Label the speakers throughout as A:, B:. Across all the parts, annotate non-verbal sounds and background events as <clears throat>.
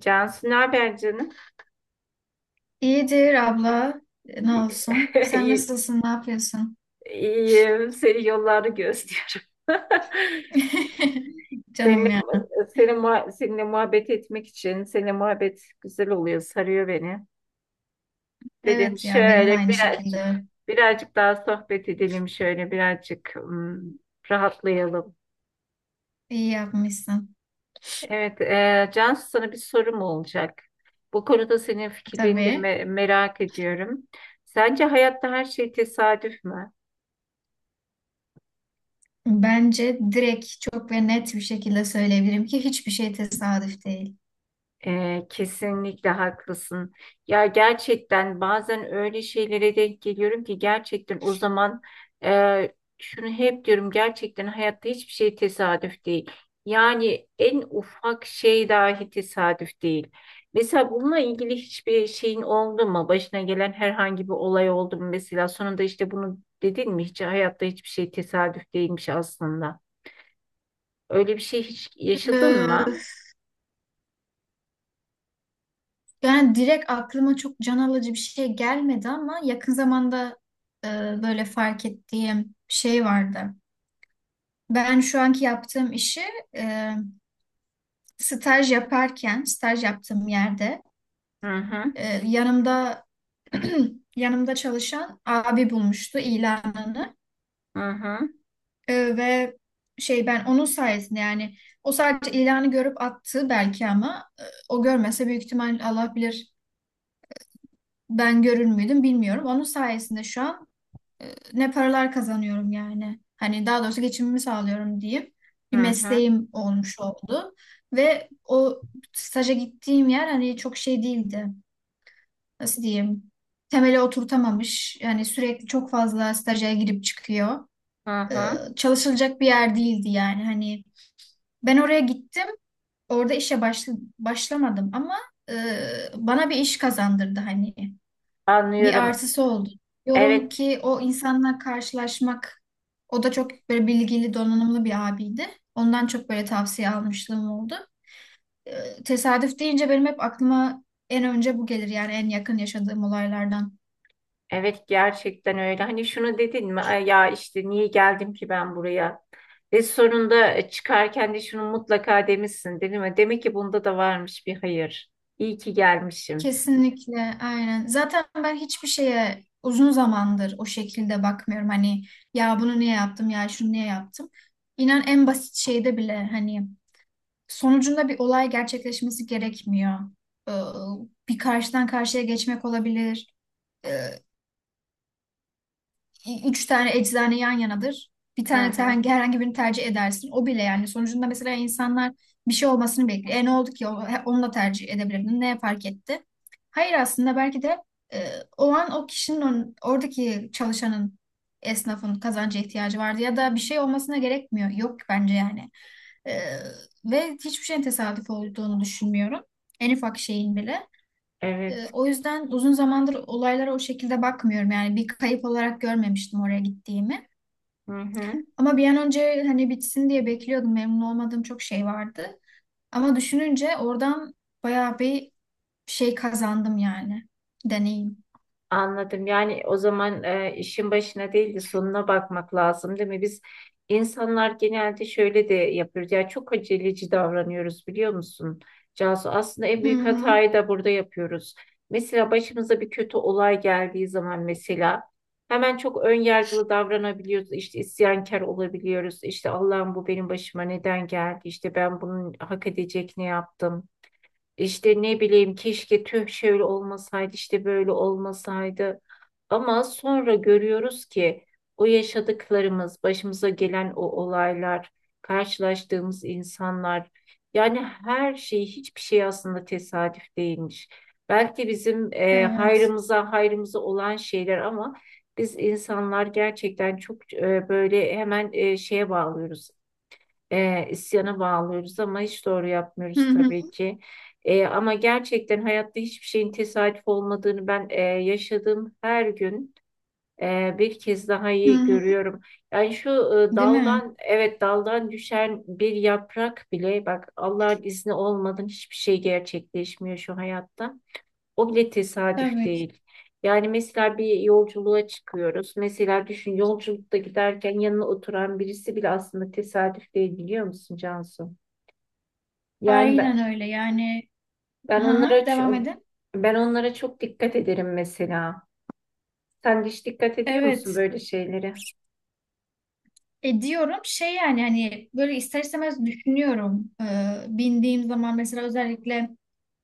A: Cansu, ne haber canım?
B: İyidir abla. Ne
A: <laughs>
B: olsun? Sen
A: İyi-
B: nasılsın? Ne yapıyorsun?
A: İyiyim. Seni yollarda gözlüyorum. <laughs>
B: <laughs>
A: Seninle,
B: Canım ya.
A: Seninle muhabbet etmek için, seninle muhabbet güzel oluyor, sarıyor beni. Dedim
B: Evet ya, benim de
A: şöyle
B: aynı
A: birazcık,
B: şekilde.
A: birazcık daha sohbet edelim, şöyle birazcık rahatlayalım.
B: İyi yapmışsın.
A: Evet, Cansu, sana bir sorum olacak. Bu konuda senin fikirlerini de
B: Tabii.
A: merak ediyorum. Sence hayatta her şey tesadüf mü?
B: Bence direkt çok ve net bir şekilde söyleyebilirim ki hiçbir şey tesadüf değil.
A: Kesinlikle haklısın. Ya gerçekten bazen öyle şeylere denk geliyorum ki gerçekten o zaman şunu hep diyorum: gerçekten hayatta hiçbir şey tesadüf değil. Yani en ufak şey dahi tesadüf değil. Mesela bununla ilgili hiçbir şeyin oldu mu? Başına gelen herhangi bir olay oldu mu? Mesela sonunda işte bunu dedin mi? Hiç hayatta hiçbir şey tesadüf değilmiş aslında. Öyle bir şey hiç yaşadın
B: Ee,
A: mı?
B: yani direkt aklıma çok can alıcı bir şey gelmedi, ama yakın zamanda e, böyle fark ettiğim bir şey vardı. Ben şu anki yaptığım işi e, staj yaparken, staj yaptığım yerde
A: Hı hı,
B: yanımda <clears throat> yanımda çalışan abi bulmuştu ilanını.
A: hı hı,
B: Ve şey, ben onun sayesinde yani, o sadece ilanı görüp attı belki, ama o görmese büyük ihtimal Allah bilir ben görür müydüm bilmiyorum. Onun sayesinde şu an e, ne paralar kazanıyorum yani. Hani daha doğrusu geçimimi sağlıyorum diyeyim.
A: hı
B: Bir
A: hı.
B: mesleğim olmuş oldu ve o staja gittiğim yer hani çok şey değildi. Nasıl diyeyim, temeli oturtamamış. Yani sürekli çok fazla staja girip çıkıyor.
A: Hı
B: Ee,
A: hı.
B: çalışılacak bir yer değildi yani. Hani ben oraya gittim. Orada işe başla- başlamadım, ama e, bana bir iş kazandırdı hani. Bir
A: Anlıyorum.
B: artısı oldu. Diyorum
A: Evet,
B: ki o insanla karşılaşmak, o da çok böyle bilgili, donanımlı bir abiydi. Ondan çok böyle tavsiye almışlığım oldu. Tesadüf deyince benim hep aklıma en önce bu gelir yani, en yakın yaşadığım olaylardan.
A: evet, gerçekten öyle. Hani şunu dedin mi: "Ay, ya işte niye geldim ki ben buraya?" Ve sonunda çıkarken de şunu mutlaka demişsin, değil mi? Demek ki bunda da varmış bir hayır. İyi ki gelmişim.
B: Kesinlikle, aynen. Zaten ben hiçbir şeye uzun zamandır o şekilde bakmıyorum. Hani, ya bunu niye yaptım, ya şunu niye yaptım. İnan en basit şeyde bile hani sonucunda bir olay gerçekleşmesi gerekmiyor. Ee, Bir karşıdan karşıya geçmek olabilir, üç tane eczane yan yanadır. Bir
A: Hı
B: tane te-
A: hı.
B: hangi- herhangi birini tercih edersin. O bile yani, sonucunda mesela insanlar bir şey olmasını bekliyor. E ne oldu ki? Onu da tercih edebilirdin. Ne fark etti? Hayır, aslında belki de e, o an o kişinin oradaki çalışanın, esnafın kazanca ihtiyacı vardı, ya da bir şey olmasına gerekmiyor. Yok bence yani. E, ve hiçbir şeyin tesadüf olduğunu düşünmüyorum. En ufak şeyin bile.
A: Evet.
B: O yüzden uzun zamandır olaylara o şekilde bakmıyorum. Yani bir kayıp olarak görmemiştim oraya gittiğimi.
A: Hı hı.
B: Ama bir an önce hani bitsin diye bekliyordum. Memnun olmadığım çok şey vardı. Ama düşününce oradan bayağı bir şey kazandım yani. Deneyim.
A: Anladım. Yani o zaman işin başına değil de sonuna bakmak lazım, değil mi? Biz insanlar genelde şöyle de yapıyoruz. Yani çok aceleci davranıyoruz, biliyor musun? Cansu, aslında en
B: Hı
A: büyük
B: hı.
A: hatayı da burada yapıyoruz. Mesela başımıza bir kötü olay geldiği zaman mesela hemen çok ön yargılı davranabiliyoruz. İşte isyankar olabiliyoruz. İşte Allah'ım, bu benim başıma neden geldi? İşte ben bunun hak edecek ne yaptım? İşte ne bileyim, keşke tüh şöyle olmasaydı, işte böyle olmasaydı. Ama sonra görüyoruz ki o yaşadıklarımız, başımıza gelen o olaylar, karşılaştığımız insanlar, yani her şey, hiçbir şey aslında tesadüf değilmiş. Belki bizim
B: Evet.
A: hayrımıza olan şeyler. Ama biz insanlar gerçekten çok böyle hemen şeye bağlıyoruz, isyana bağlıyoruz, ama hiç doğru
B: Hı
A: yapmıyoruz
B: hı.
A: tabii ki. Ama gerçekten hayatta hiçbir şeyin tesadüf olmadığını ben yaşadığım her gün bir kez daha
B: Hı
A: iyi
B: hı.
A: görüyorum. Yani şu
B: Değil mi?
A: daldan düşen bir yaprak bile, bak, Allah'ın izni olmadan hiçbir şey gerçekleşmiyor şu hayatta. O bile tesadüf
B: Tabii ki.
A: değil. Yani mesela bir yolculuğa çıkıyoruz. Mesela düşün, yolculukta giderken yanına oturan birisi bile aslında tesadüf değil, biliyor musun Cansu? Yani ben,
B: Aynen öyle. Yani, hı
A: ben onlara
B: hı, devam
A: çok,
B: edin.
A: Ben onlara çok dikkat ederim mesela. Sen de hiç dikkat ediyor musun
B: Evet.
A: böyle şeylere?
B: E diyorum şey yani hani böyle ister istemez düşünüyorum. Bindiğim zaman mesela özellikle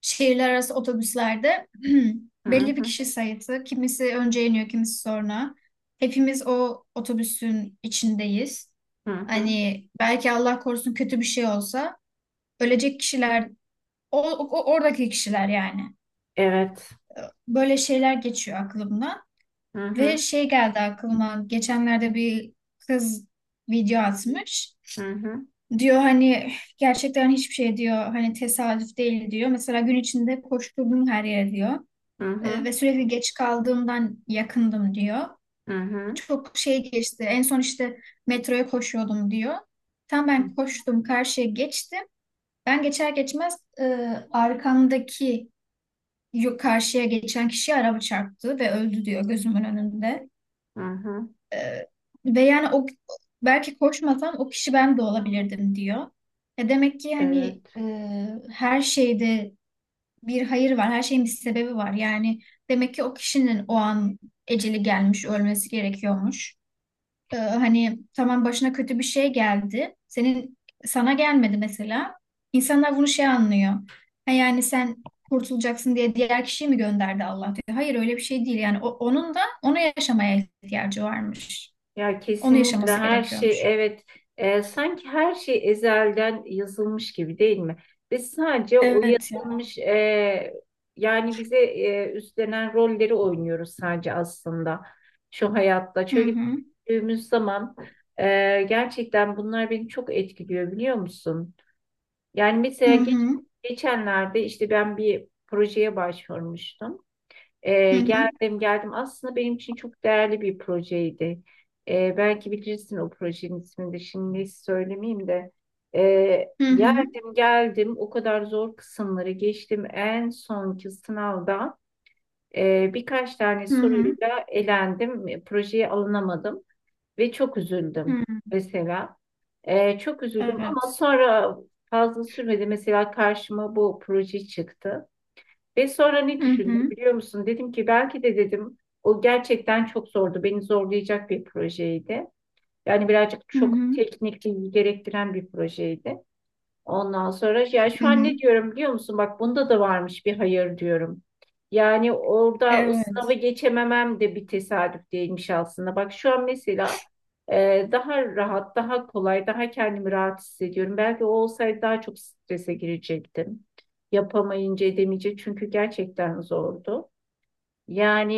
B: şehirler arası otobüslerde <clears throat>
A: Hı
B: belli bir
A: hı,
B: kişi sayısı. Kimisi önce iniyor, kimisi sonra. Hepimiz o otobüsün içindeyiz.
A: hı hı.
B: Hani belki Allah korusun kötü bir şey olsa, ölecek kişiler oradaki kişiler yani.
A: Evet.
B: Böyle şeyler geçiyor aklımdan
A: Hı
B: ve
A: hı,
B: şey geldi aklıma, geçenlerde bir kız video atmış.
A: hı hı,
B: Diyor hani gerçekten hiçbir şey diyor hani tesadüf değil diyor. Mesela gün içinde koşturdum her yere diyor.
A: hı hı,
B: Ve sürekli geç kaldığımdan yakındım diyor.
A: hı hı,
B: Çok şey geçti. En son işte metroya koşuyordum diyor. Tam ben koştum karşıya geçtim. Ben geçer geçmez arkamdaki karşıya geçen kişiye araba çarptı ve öldü diyor, gözümün önünde.
A: hı hı.
B: Ee, ve yani o, belki koşmasam o kişi ben de olabilirdim diyor. E demek ki hani,
A: Evet.
B: her şeyde bir hayır var, her şeyin bir sebebi var. Yani demek ki o kişinin o an eceli gelmiş, ölmesi gerekiyormuş. Hani tamam, başına kötü bir şey geldi, sana gelmedi mesela. İnsanlar bunu şey anlıyor. Ha, yani sen kurtulacaksın diye diğer kişiyi mi gönderdi Allah diyor. Hayır, öyle bir şey değil. Yani onun da ona yaşamaya ihtiyacı varmış.
A: Ya
B: Onu
A: kesinlikle
B: yaşaması
A: her şey,
B: gerekiyormuş.
A: evet, sanki her şey ezelden yazılmış gibi, değil mi? Biz sadece o
B: Evet ya.
A: yazılmış yani bize üstlenen rolleri oynuyoruz sadece aslında şu hayatta.
B: Hı
A: Çünkü
B: hı.
A: büyüdüğümüz zaman gerçekten bunlar beni çok etkiliyor, biliyor musun? Yani
B: Hı
A: mesela
B: hı.
A: geçenlerde işte ben bir projeye başvurmuştum.
B: Hı hı.
A: Geldim geldim. Aslında benim için çok değerli bir projeydi. Belki bilirsin, o projenin ismini de şimdi söylemeyeyim de.
B: Hı hı.
A: Geldim geldim, o kadar zor kısımları geçtim. En sonki sınavda birkaç tane
B: Hı hı.
A: soruyla elendim. Projeye alınamadım ve çok
B: Hı.
A: üzüldüm mesela. Çok üzüldüm ama
B: Evet.
A: sonra fazla sürmedi. Mesela karşıma bu proje çıktı. Ve sonra ne
B: Hı
A: düşündüm
B: hı.
A: biliyor musun? Dedim ki belki de, dedim, o gerçekten çok zordu. Beni zorlayacak bir projeydi. Yani birazcık
B: Hı hı.
A: çok teknikliği gerektiren bir projeydi. Ondan sonra ya
B: Hı
A: şu an ne
B: hı.
A: diyorum biliyor musun? Bak, bunda da varmış bir hayır, diyorum. Yani orada o
B: Evet.
A: sınavı geçememem de bir tesadüf değilmiş aslında. Bak şu an mesela daha rahat, daha kolay, daha kendimi rahat hissediyorum. Belki o olsaydı daha çok strese girecektim. Yapamayınca edemeyecek, çünkü gerçekten zordu. Yani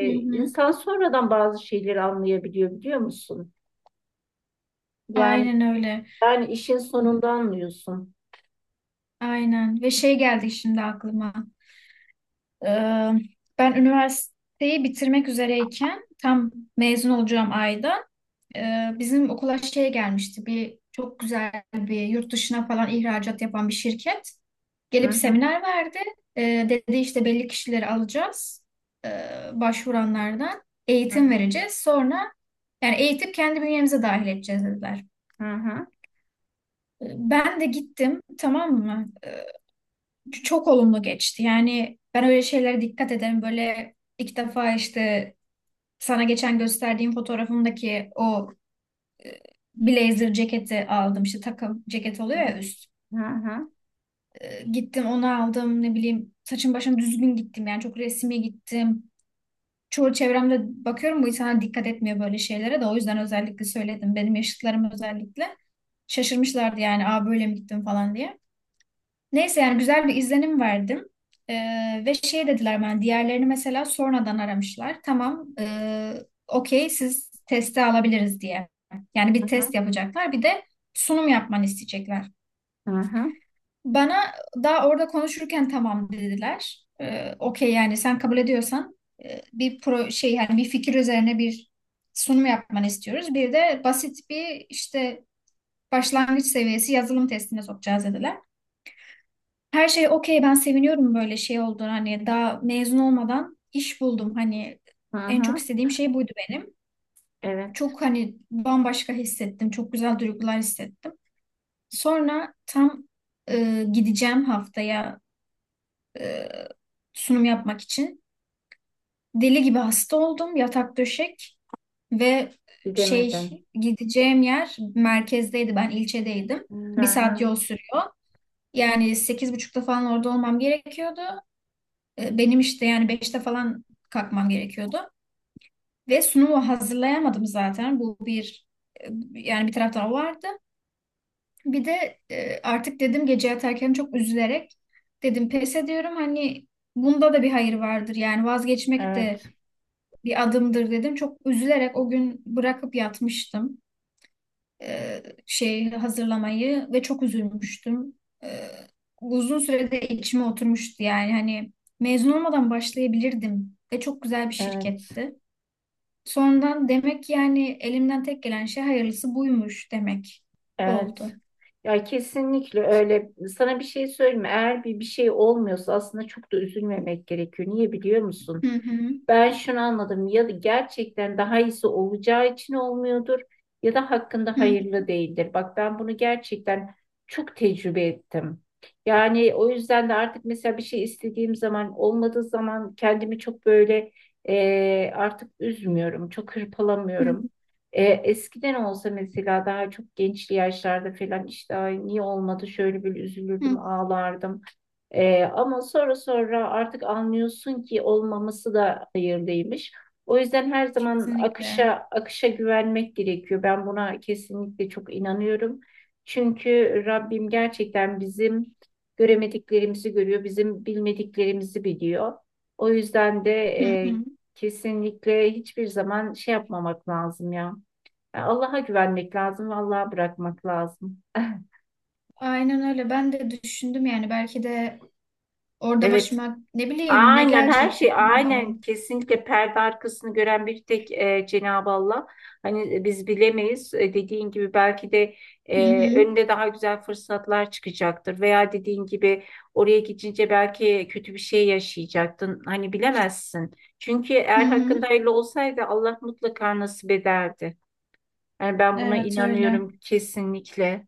B: Hı hı.
A: insan sonradan bazı şeyleri anlayabiliyor, biliyor musun? Yani
B: Aynen öyle.
A: yani işin sonunda anlıyorsun.
B: Aynen. Ve şey geldi şimdi aklıma. Ee, ben üniversiteyi bitirmek üzereyken tam mezun olacağım ayda bizim okula şey gelmişti. Bir çok güzel bir yurt dışına falan ihracat yapan bir şirket.
A: Hı
B: Gelip
A: hı,
B: seminer verdi. Dedi işte belli kişileri alacağız, ee, başvuranlardan.
A: hı
B: Eğitim
A: hı.
B: vereceğiz. Sonra yani eğitip kendi bünyemize dahil edeceğiz dediler.
A: Hı hı.
B: Ben de gittim, tamam mı? Çok olumlu geçti. Yani ben öyle şeylere dikkat ederim. Böyle ilk defa işte sana geçen gösterdiğim fotoğrafımdaki o blazer ceketi aldım. İşte takım ceket
A: Hı
B: oluyor ya, üst.
A: hı, hı hı,
B: Gittim onu aldım, ne bileyim saçım başım düzgün gittim yani, çok resmi gittim. Çoğu çevremde bakıyorum bu insanlar dikkat etmiyor böyle şeylere, de o yüzden özellikle söyledim. Benim yaşıtlarım özellikle şaşırmışlardı yani, aa böyle mi gittim falan diye. Neyse yani güzel bir izlenim verdim. Ve şey dediler, ben diğerlerini mesela sonradan aramışlar. Tamam, okey, siz testi alabiliriz diye. Yani bir test yapacaklar, bir de sunum yapmanı isteyecekler.
A: hı hı,
B: Bana daha orada konuşurken tamam dediler. Okey yani sen kabul ediyorsan, e, bir pro şey yani bir fikir üzerine bir sunum yapmanı istiyoruz. Bir de basit bir işte başlangıç seviyesi yazılım testine sokacağız dediler. Her şey okey, ben seviniyorum böyle şey olduğunu, hani daha mezun olmadan iş buldum, hani
A: hı
B: en
A: hı.
B: çok istediğim şey buydu benim.
A: Evet.
B: Çok hani bambaşka hissettim. Çok güzel duygular hissettim. Sonra tam gideceğim haftaya e, sunum yapmak için, deli gibi hasta oldum. Yatak döşek. Ve şey,
A: Bilemedin.
B: gideceğim yer merkezdeydi. Ben ilçedeydim.
A: Hı hı.
B: Bir saat
A: Hmm.
B: yol sürüyor. Yani sekiz buçukta falan orada olmam gerekiyordu. Benim işte yani beşte falan kalkmam gerekiyordu. Ve sunumu hazırlayamadım zaten. Bu bir e, yani bir taraftan o vardı. Bir de artık dedim gece yatarken çok üzülerek dedim, pes ediyorum. Hani bunda da bir hayır vardır. Yani vazgeçmek
A: Evet.
B: de bir adımdır dedim. Çok üzülerek o gün bırakıp yatmıştım şey hazırlamayı, ve çok üzülmüştüm. E, uzun sürede içime oturmuştu yani, hani mezun olmadan başlayabilirdim ve çok güzel bir
A: Evet.
B: şirketti. Sonradan demek ki yani elimden tek gelen şey hayırlısı buymuş demek
A: Evet.
B: oldu.
A: Ya kesinlikle öyle. Sana bir şey söyleyeyim mi? Eğer bir şey olmuyorsa aslında çok da üzülmemek gerekiyor. Niye biliyor musun?
B: Hı hı,
A: Ben şunu anladım: ya gerçekten daha iyisi olacağı için olmuyordur ya da hakkında
B: hı
A: hayırlı değildir. Bak, ben bunu gerçekten çok tecrübe ettim. Yani o yüzden de artık mesela bir şey istediğim zaman olmadığı zaman kendimi çok böyle artık üzmüyorum. Çok
B: hı,
A: hırpalamıyorum. Eskiden olsa mesela daha çok gençli yaşlarda falan işte, "Ay, niye olmadı?" şöyle bir
B: hı.
A: üzülürdüm, ağlardım. Ama sonra artık anlıyorsun ki olmaması da hayırlıymış. O yüzden her zaman
B: Kesinlikle.
A: akışa güvenmek gerekiyor. Ben buna kesinlikle çok inanıyorum. Çünkü Rabbim gerçekten bizim göremediklerimizi görüyor, bizim bilmediklerimizi biliyor. O yüzden de
B: Hı
A: e,
B: hı.
A: kesinlikle hiçbir zaman şey yapmamak lazım ya. Yani Allah'a güvenmek lazım ve Allah'a bırakmak lazım. <laughs>
B: Aynen öyle. Ben de düşündüm yani, belki de orada
A: Evet.
B: başıma ne bileyim ne
A: Aynen, her
B: gelecekti,
A: şey, aynen,
B: bilmiyorum.
A: kesinlikle perde arkasını gören bir tek Cenab-ı Allah. Hani biz bilemeyiz. Dediğin gibi belki de
B: Hı hı.
A: önünde daha güzel fırsatlar çıkacaktır veya dediğin gibi oraya gidince belki kötü bir şey yaşayacaktın. Hani bilemezsin. Çünkü
B: Hı
A: eğer
B: hı.
A: hakkında hayırlı olsaydı Allah mutlaka nasip ederdi. Yani ben buna
B: Evet öyle.
A: inanıyorum kesinlikle.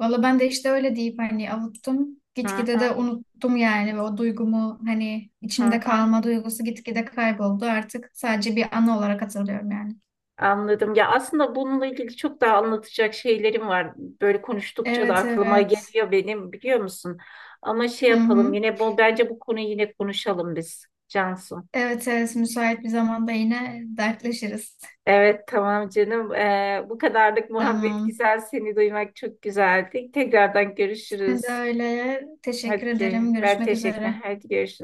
B: Valla ben de işte öyle deyip hani avuttum.
A: Hı
B: Gitgide de
A: hı,
B: unuttum yani, ve o duygumu hani
A: hı
B: içimde
A: hı.
B: kalma duygusu gitgide kayboldu. Artık sadece bir anı olarak hatırlıyorum yani.
A: Anladım. Ya aslında bununla ilgili çok daha anlatacak şeylerim var. Böyle konuştukça da
B: Evet,
A: aklıma
B: evet.
A: geliyor benim, biliyor musun? Ama şey
B: Hı
A: yapalım,
B: hı.
A: yine bence bu konuyu yine konuşalım biz, Cansu.
B: Evet, evet, müsait bir zamanda yine dertleşiriz. <laughs>
A: Evet, tamam canım. Bu kadarlık muhabbet
B: Tamam.
A: güzel. Seni duymak çok güzeldi. Tekrardan
B: Ben de
A: görüşürüz.
B: öyle. Teşekkür
A: Hadi ki
B: ederim.
A: ben
B: Görüşmek
A: teşekkür
B: üzere.
A: Hadi görüşürüz.